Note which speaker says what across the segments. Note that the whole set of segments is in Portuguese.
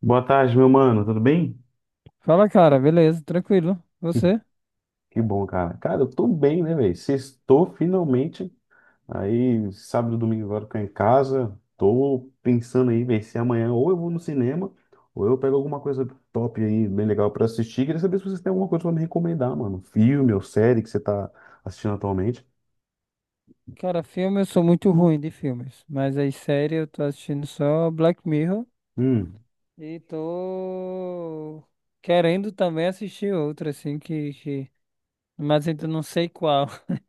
Speaker 1: Boa tarde, meu mano, tudo bem?
Speaker 2: Fala, cara, beleza, tranquilo. Você?
Speaker 1: Que bom, cara. Cara, eu tô bem, né, velho? Sextou finalmente. Aí, sábado e domingo agora eu tô em casa. Tô pensando aí, velho, se amanhã ou eu vou no cinema ou eu pego alguma coisa top aí, bem legal pra assistir. Queria saber se vocês têm alguma coisa pra me recomendar, mano. Filme ou série que você tá assistindo atualmente.
Speaker 2: Cara, filme, eu sou muito ruim de filmes, mas aí série eu tô assistindo só Black Mirror
Speaker 1: Hum,
Speaker 2: e tô querendo também assistir outra, assim, mas ainda não sei qual.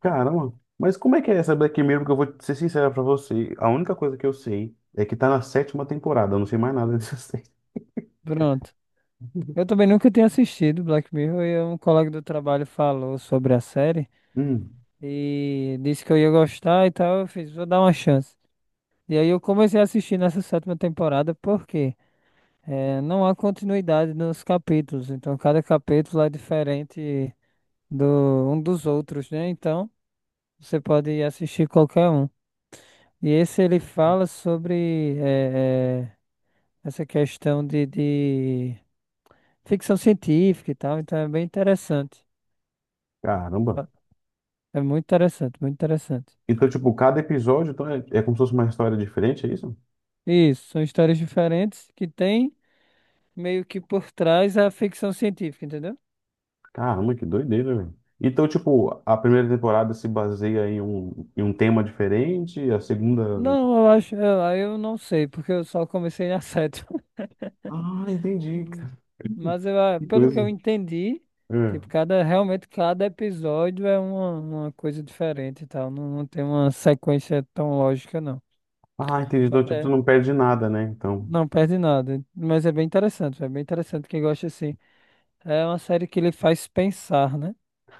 Speaker 1: caramba. Mas como é que é essa Black Mirror? Porque eu vou ser sincero pra você. A única coisa que eu sei é que tá na sétima temporada. Eu não sei mais nada dessa série.
Speaker 2: Pronto. Eu também nunca tinha assistido Black Mirror e um colega do trabalho falou sobre a série
Speaker 1: Hum,
Speaker 2: e disse que eu ia gostar e tal. Eu fiz, vou dar uma chance. E aí eu comecei a assistir nessa sétima temporada, por quê? É, não há continuidade nos capítulos, então cada capítulo é diferente do um dos outros, né? Então você pode assistir qualquer um. E esse ele fala sobre essa questão de ficção científica e tal, então é bem interessante.
Speaker 1: caramba.
Speaker 2: Tá? É muito interessante, muito interessante.
Speaker 1: Então, tipo, cada episódio então, é como se fosse uma história diferente, é isso?
Speaker 2: Isso, são histórias diferentes que tem meio que por trás a ficção científica, entendeu?
Speaker 1: Caramba, que doideira, velho. Então, tipo, a primeira temporada se baseia em um tema diferente, a segunda.
Speaker 2: Não, eu acho, eu não sei, porque eu só comecei na 7.
Speaker 1: Ah, entendi,
Speaker 2: Hum.
Speaker 1: cara.
Speaker 2: Mas eu, ah,
Speaker 1: Que
Speaker 2: pelo que
Speaker 1: coisa.
Speaker 2: eu entendi,
Speaker 1: É.
Speaker 2: tipo, realmente cada episódio é uma coisa diferente e tal. Não, não tem uma sequência tão lógica, não.
Speaker 1: Ah, entendi.
Speaker 2: Mas
Speaker 1: Então, tipo, tu
Speaker 2: é,
Speaker 1: não perde nada, né? Então,
Speaker 2: não perde nada. Mas é bem interessante quem gosta assim. É uma série que ele faz pensar, né?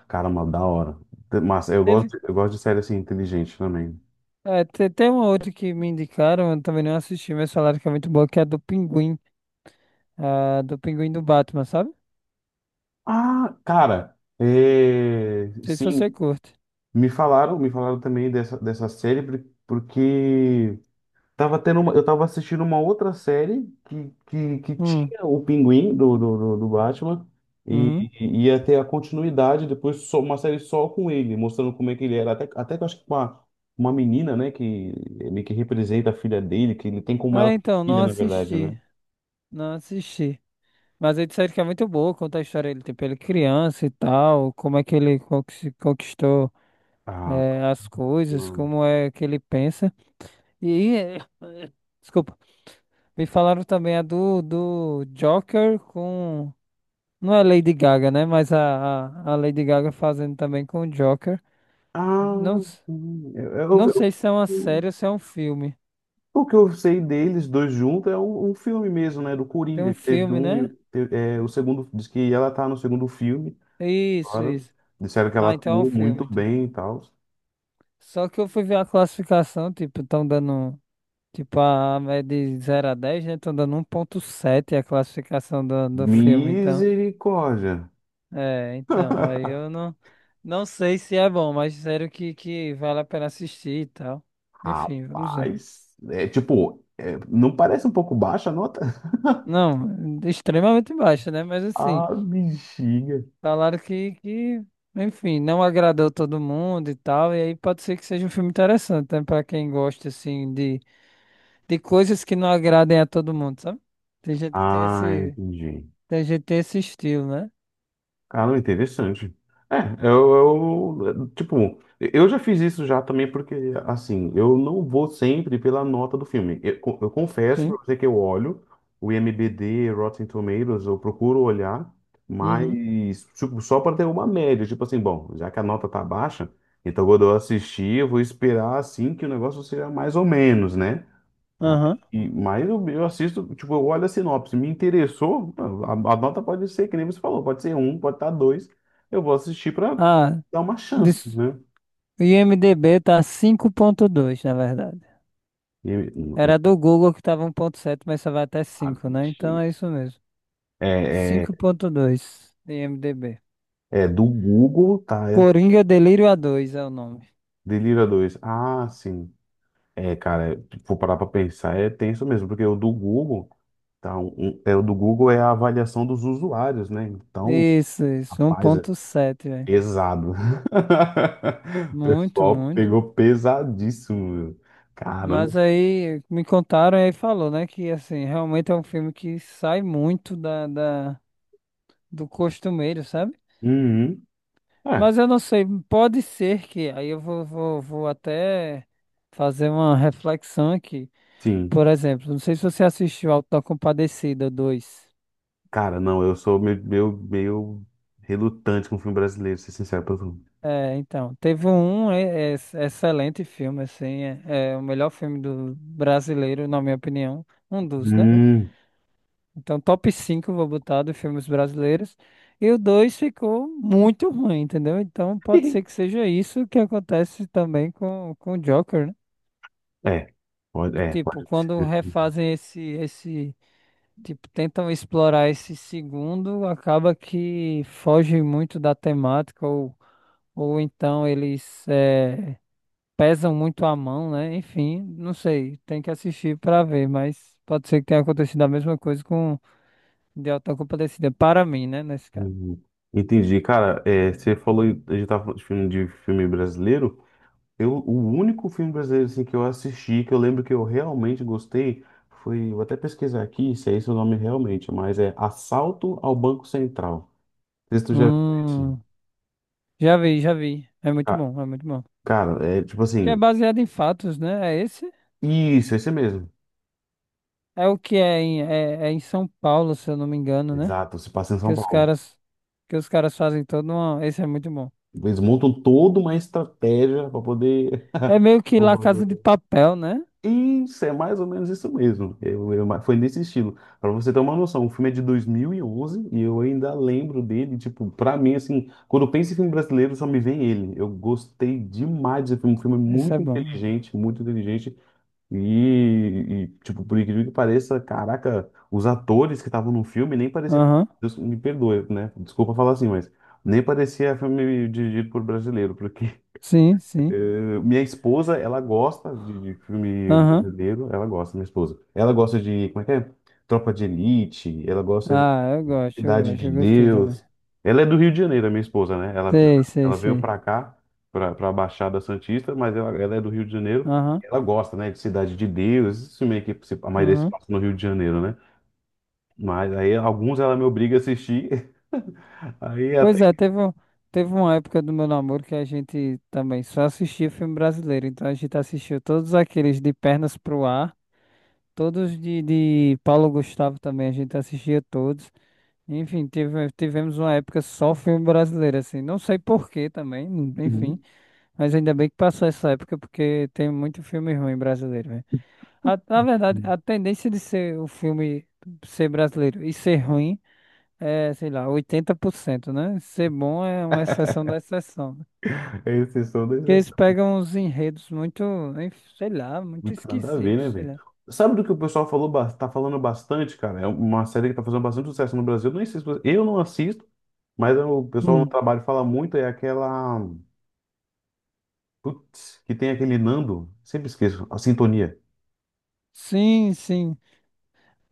Speaker 1: caramba, da hora. Mas
Speaker 2: Teve.
Speaker 1: eu gosto de série assim, inteligente também.
Speaker 2: Tem uma outra que me indicaram, eu também não assisti, mas falaram que é muito boa, que é a do Pinguim. A do Pinguim do Batman, sabe? Não
Speaker 1: Ah, cara, é,
Speaker 2: sei se
Speaker 1: sim,
Speaker 2: você curte.
Speaker 1: me falaram também dessa série, porque tava tendo eu tava assistindo uma outra série que
Speaker 2: Hum,
Speaker 1: tinha o Pinguim do Batman
Speaker 2: uhum.
Speaker 1: e ia ter a continuidade depois só, uma série só com ele, mostrando como é que ele era. Até que eu acho que com uma menina, né, que meio que representa a filha dele, que ele tem como
Speaker 2: Ah,
Speaker 1: ela
Speaker 2: então, não
Speaker 1: filha, na verdade,
Speaker 2: assisti.
Speaker 1: né?
Speaker 2: Não assisti. Mas aí disseram que é muito boa, conta a história dele, tipo, ele é criança e tal, como é que ele conquistou
Speaker 1: Ah,
Speaker 2: as coisas,
Speaker 1: hum.
Speaker 2: como é que ele pensa. E, eh, desculpa, me falaram também a do Joker com, não é Lady Gaga, né, mas a Lady Gaga fazendo também com o Joker.
Speaker 1: Ah,
Speaker 2: Não,
Speaker 1: hum. eu,
Speaker 2: não
Speaker 1: eu,
Speaker 2: sei se é uma série
Speaker 1: eu-
Speaker 2: ou se é um filme.
Speaker 1: o que eu sei deles dois juntos é um filme mesmo, né? Do
Speaker 2: Tem um
Speaker 1: Coringa, que teve
Speaker 2: filme,
Speaker 1: um,
Speaker 2: né?
Speaker 1: o segundo, diz que ela tá no segundo filme.
Speaker 2: Isso,
Speaker 1: Agora,
Speaker 2: isso.
Speaker 1: disseram que ela
Speaker 2: Ah, então é um
Speaker 1: atuou muito
Speaker 2: filme, então.
Speaker 1: bem e tal.
Speaker 2: Só que eu fui ver a classificação, tipo, estão dando. Tipo, a é de zero a 10, né? Tô dando 1,7 a classificação do filme, então.
Speaker 1: Misericórdia.
Speaker 2: É, então, aí eu não sei se é bom, mas sério que vale a pena assistir e tal. Enfim, vamos ver.
Speaker 1: Rapaz, não parece um pouco baixa a nota?
Speaker 2: Não, extremamente baixo, né? Mas assim,
Speaker 1: Ah, bexiga.
Speaker 2: falaram enfim, não agradou todo mundo e tal, e aí pode ser que seja um filme interessante, né? Pra quem gosta, assim, de coisas que não agradem a todo mundo, sabe? Tem gente que tem
Speaker 1: Ah,
Speaker 2: esse,
Speaker 1: entendi.
Speaker 2: tem gente que tem esse estilo, né?
Speaker 1: Cara, interessante. É, eu já fiz isso já também porque, assim, eu não vou sempre pela nota do filme. Eu confesso pra
Speaker 2: Sim.
Speaker 1: você que eu olho o IMDb, Rotten Tomatoes, eu procuro olhar,
Speaker 2: Uhum.
Speaker 1: mas tipo, só para ter uma média. Tipo assim, bom, já que a nota tá baixa, então quando eu assistir, eu vou esperar, assim, que o negócio seja mais ou menos, né? Ah,
Speaker 2: Aham.
Speaker 1: e, mas eu assisto, tipo, eu olho a sinopse, me interessou, a nota pode ser, que nem você falou, pode ser um, pode estar dois, eu vou assistir para
Speaker 2: Ah,
Speaker 1: dar uma chance,
Speaker 2: dis-
Speaker 1: né?
Speaker 2: o IMDB tá 5,2 na verdade.
Speaker 1: E-
Speaker 2: Era do Google que tava 1,7, mas só vai até
Speaker 1: ah,
Speaker 2: cinco, né? Então
Speaker 1: chega.
Speaker 2: é isso mesmo.
Speaker 1: É, é,
Speaker 2: 5,2 de IMDB.
Speaker 1: é do Google, tá? É,
Speaker 2: Coringa Delírio a dois é o nome.
Speaker 1: Delira dois. Ah, sim. É, cara, é, vou parar pra pensar, é tenso mesmo, porque o do Google, tá? O do Google é a avaliação dos usuários, né? Então,
Speaker 2: Isso, isso. Um
Speaker 1: rapaz, é,
Speaker 2: 1,7, velho.
Speaker 1: pesado. O
Speaker 2: Muito,
Speaker 1: pessoal
Speaker 2: muito.
Speaker 1: pegou pesadíssimo, meu. Caramba.
Speaker 2: Mas aí me contaram e aí falou, né? Que assim, realmente é um filme que sai muito do costumeiro, sabe?
Speaker 1: Uhum. É,
Speaker 2: Mas eu não sei, pode ser que, aí eu vou até fazer uma reflexão aqui.
Speaker 1: sim.
Speaker 2: Por exemplo, não sei se você assistiu Auto da Compadecida dois.
Speaker 1: Cara, não, eu sou meio relutante com filme brasileiro, ser sincero pra tu.
Speaker 2: É, então, teve um excelente filme, assim, é o melhor filme do brasileiro, na minha opinião, um dos, né?
Speaker 1: Hum.
Speaker 2: Então, top 5 vou botar de filmes brasileiros, e o 2 ficou muito ruim, entendeu? Então, pode ser que seja isso que acontece também com o Joker, né?
Speaker 1: É,
Speaker 2: De,
Speaker 1: é,
Speaker 2: tipo,
Speaker 1: pode
Speaker 2: quando
Speaker 1: ser.
Speaker 2: refazem tipo, tentam explorar esse segundo, acaba que foge muito da temática, ou, então eles pesam muito a mão, né? Enfim, não sei, tem que assistir pra ver, mas pode ser que tenha acontecido a mesma coisa com De Alta Compadecida, para mim, né, nesse caso.
Speaker 1: Uhum. Entendi, cara. É, você falou, a gente tava falando de filme brasileiro. Eu, o único filme brasileiro assim, que eu assisti, que eu lembro que eu realmente gostei, foi. Vou até pesquisar aqui se é esse o nome realmente, mas é Assalto ao Banco Central. Não sei se tu já viu esse.
Speaker 2: Hum, já vi, já vi. É muito
Speaker 1: Ca-
Speaker 2: bom, é muito bom.
Speaker 1: Cara, é tipo
Speaker 2: Que é
Speaker 1: assim.
Speaker 2: baseado em fatos, né? É esse?
Speaker 1: Isso, esse mesmo.
Speaker 2: É o que é em, é é em São Paulo, se eu não me engano, né?
Speaker 1: Exato, se passa em
Speaker 2: Que
Speaker 1: São
Speaker 2: os
Speaker 1: Paulo.
Speaker 2: caras, que os caras fazem todo uma. Esse é muito bom.
Speaker 1: Eles montam toda uma estratégia para poder.
Speaker 2: É meio que La
Speaker 1: Roubar.
Speaker 2: Casa de Papel, né?
Speaker 1: Isso, é mais ou menos isso mesmo. Foi nesse estilo. Pra você ter uma noção, o filme é de 2011 e eu ainda lembro dele. Tipo, pra mim, assim, quando eu penso em filme brasileiro, só me vem ele. Eu gostei demais desse filme. Um filme
Speaker 2: Esse é
Speaker 1: muito
Speaker 2: bom.
Speaker 1: inteligente, muito inteligente. Tipo, por incrível que pareça, caraca, os atores que estavam no filme nem parecia.
Speaker 2: Aham.
Speaker 1: Deus me perdoe, né? Desculpa falar assim, mas nem parecia filme dirigido por brasileiro, porque
Speaker 2: Sim, sim.
Speaker 1: minha esposa, ela gosta de filme
Speaker 2: Aham.
Speaker 1: brasileiro, ela gosta, minha esposa. Ela gosta de, como é que é? Tropa de Elite, ela gosta de
Speaker 2: Ah, eu
Speaker 1: Cidade
Speaker 2: gosto,
Speaker 1: de
Speaker 2: eu gostei também.
Speaker 1: Deus. Ela é do Rio de Janeiro, a minha esposa, né?
Speaker 2: Sei, sei,
Speaker 1: Ela veio
Speaker 2: sei.
Speaker 1: pra cá, pra Baixada Santista, mas ela é do Rio de Janeiro.
Speaker 2: Aham.
Speaker 1: Ela gosta, né, de Cidade de Deus, isso meio que a maioria se
Speaker 2: Aham.
Speaker 1: passa no Rio de Janeiro, né? Mas aí alguns ela me obriga a assistir, aí
Speaker 2: Pois
Speaker 1: até...
Speaker 2: é, teve uma época do meu namoro que a gente também só assistia filme brasileiro. Então a gente assistiu todos aqueles de Pernas pro Ar, todos de Paulo Gustavo também, a gente assistia todos. Enfim, tivemos uma época só filme brasileiro, assim. Não sei por quê também, enfim.
Speaker 1: Uhum.
Speaker 2: Mas ainda bem que passou essa época, porque tem muito filme ruim brasileiro, velho. Na verdade, a tendência de ser o filme ser brasileiro e ser ruim. É, sei lá, 80%, né? Ser bom é uma exceção da exceção, né?
Speaker 1: É exceção da.
Speaker 2: Porque eles pegam uns enredos muito, hein, sei lá, muito
Speaker 1: Muito nada a ver, né,
Speaker 2: esquisitos, sei
Speaker 1: velho?
Speaker 2: lá.
Speaker 1: Sabe do que o pessoal falou, tá falando bastante, cara? É uma série que tá fazendo bastante sucesso no Brasil. Eu nem sei se eu não assisto, mas o pessoal no
Speaker 2: Hum.
Speaker 1: trabalho fala muito, é aquela. Putz, que tem aquele Nando. Sempre esqueço, a Sintonia.
Speaker 2: Sim, sim.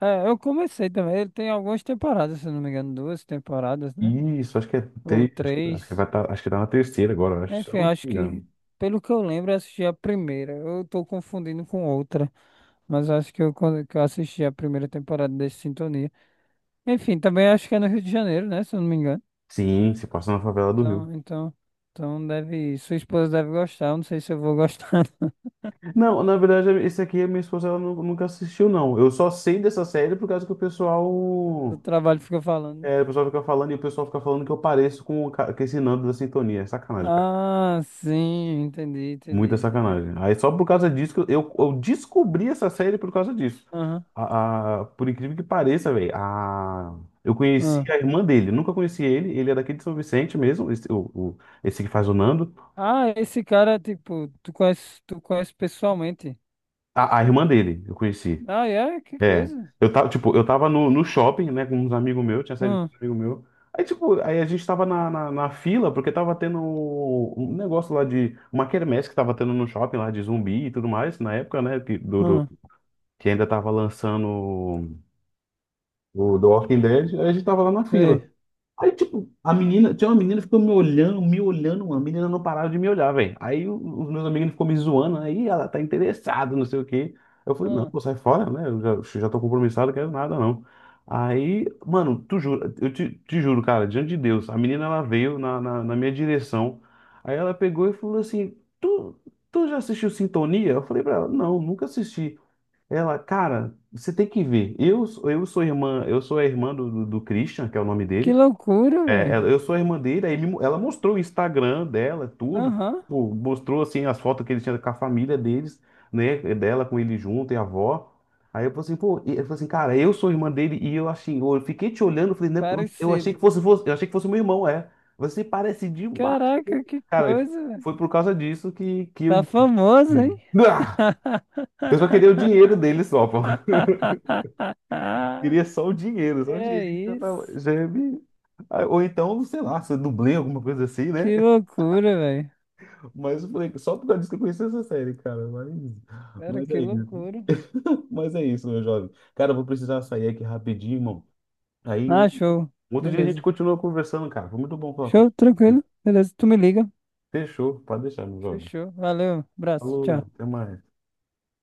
Speaker 2: É, eu comecei também. Ele tem algumas temporadas, se eu não me engano, duas temporadas, né?
Speaker 1: Isso, acho que é.
Speaker 2: Ou
Speaker 1: Te... acho que
Speaker 2: três.
Speaker 1: vai tá... acho que tá na terceira agora, eu acho, se eu
Speaker 2: Enfim,
Speaker 1: não
Speaker 2: acho
Speaker 1: me
Speaker 2: que,
Speaker 1: engano.
Speaker 2: pelo que eu lembro, eu assisti a primeira. Eu tô confundindo com outra, mas acho que eu, que eu assisti a primeira temporada desse Sintonia. Enfim, também acho que é no Rio de Janeiro, né? Se eu não me engano.
Speaker 1: Sim, se passa na favela do Rio.
Speaker 2: Então, então, então deve, sua esposa deve gostar. Eu não sei se eu vou gostar.
Speaker 1: Não, na verdade, esse aqui a minha esposa nunca assistiu, não. Eu só sei dessa série por causa que o pessoal.
Speaker 2: Do trabalho que fica falando.
Speaker 1: É, o pessoal fica falando e o pessoal fica falando que eu pareço com, com esse Nando da Sintonia. É sacanagem, cara.
Speaker 2: Ah, sim, entendi, entendi,
Speaker 1: Muita
Speaker 2: entendi.
Speaker 1: sacanagem. Aí só por causa disso que eu descobri essa série por causa disso.
Speaker 2: Aham,
Speaker 1: Por incrível que pareça, velho, a, eu conheci
Speaker 2: aham.
Speaker 1: a irmã dele. Nunca conheci ele. Ele é daqui de São Vicente mesmo, esse, esse que faz o Nando.
Speaker 2: Ah, esse cara, tipo, tu conhece pessoalmente.
Speaker 1: A irmã dele, eu conheci.
Speaker 2: Ah, é? Que
Speaker 1: É,
Speaker 2: coisa.
Speaker 1: eu tava, tipo, eu tava no shopping, né, com uns amigos meus, tinha saído com
Speaker 2: Hum,
Speaker 1: um amigo meu. Aí, tipo, aí a gente tava na fila, porque tava tendo um negócio lá de, uma quermesse que tava tendo no shopping lá de zumbi e tudo mais, na época, né,
Speaker 2: hum,
Speaker 1: que ainda tava lançando o do Walking Dead, aí a gente tava lá na fila.
Speaker 2: sei.
Speaker 1: Aí, tipo, a menina, tinha uma menina que ficou me olhando, mano. A menina não parava de me olhar, velho. Os meus amigos ficou me zoando, aí ela tá interessada, não sei o quê. Eu falei, não,
Speaker 2: Hum.
Speaker 1: pô, sai fora, né? Eu já tô compromissado, não quero nada, não. Aí, mano, tu jura, te juro, cara, diante de Deus, a menina ela veio na minha direção. Aí ela pegou e falou assim: tu, tu já assistiu Sintonia? Eu falei pra ela, não, nunca assisti. Ela, cara, você tem que ver. Eu sou a irmã do Christian, que é o nome
Speaker 2: Que
Speaker 1: dele.
Speaker 2: loucura,
Speaker 1: É,
Speaker 2: velho.
Speaker 1: eu sou a irmã dele, ela mostrou o Instagram dela, tudo,
Speaker 2: Aham,
Speaker 1: pô, mostrou assim as fotos que ele tinha com a família deles, né, é dela com ele junto e a avó. Aí eu falei assim, pô, ele falou assim, cara, eu sou a irmã dele e eu assim, eu fiquei te olhando, eu falei, né, eu achei
Speaker 2: parecido.
Speaker 1: que fosse, eu achei que fosse meu irmão, é. Você parece demais.
Speaker 2: Caraca, que
Speaker 1: Cara,
Speaker 2: coisa, velho.
Speaker 1: foi por causa disso que
Speaker 2: Tá
Speaker 1: eu.
Speaker 2: famoso, hein?
Speaker 1: Ah! Eu só queria o dinheiro dele só, pô. Queria só o dinheiro, só o
Speaker 2: Que
Speaker 1: dinheirinho já tava,
Speaker 2: isso?
Speaker 1: já me... Ah, ou então, sei lá, se eu dublei alguma coisa assim, né?
Speaker 2: Que loucura, velho.
Speaker 1: Mas eu falei, só por causa disso que eu conheci essa série, cara.
Speaker 2: Cara,
Speaker 1: Mas
Speaker 2: que
Speaker 1: é isso.
Speaker 2: loucura.
Speaker 1: Mas é isso, meu jovem. Cara, eu vou precisar sair aqui rapidinho, irmão. Aí,
Speaker 2: Ah, show.
Speaker 1: um outro dia a gente
Speaker 2: Beleza.
Speaker 1: continua conversando, cara. Foi muito bom falar
Speaker 2: Show,
Speaker 1: contigo.
Speaker 2: tranquilo. Beleza, tu me liga.
Speaker 1: Fechou, pode deixar, meu jovem.
Speaker 2: Fechou. Valeu. Abraço.
Speaker 1: Falou,
Speaker 2: Tchau.
Speaker 1: até mais.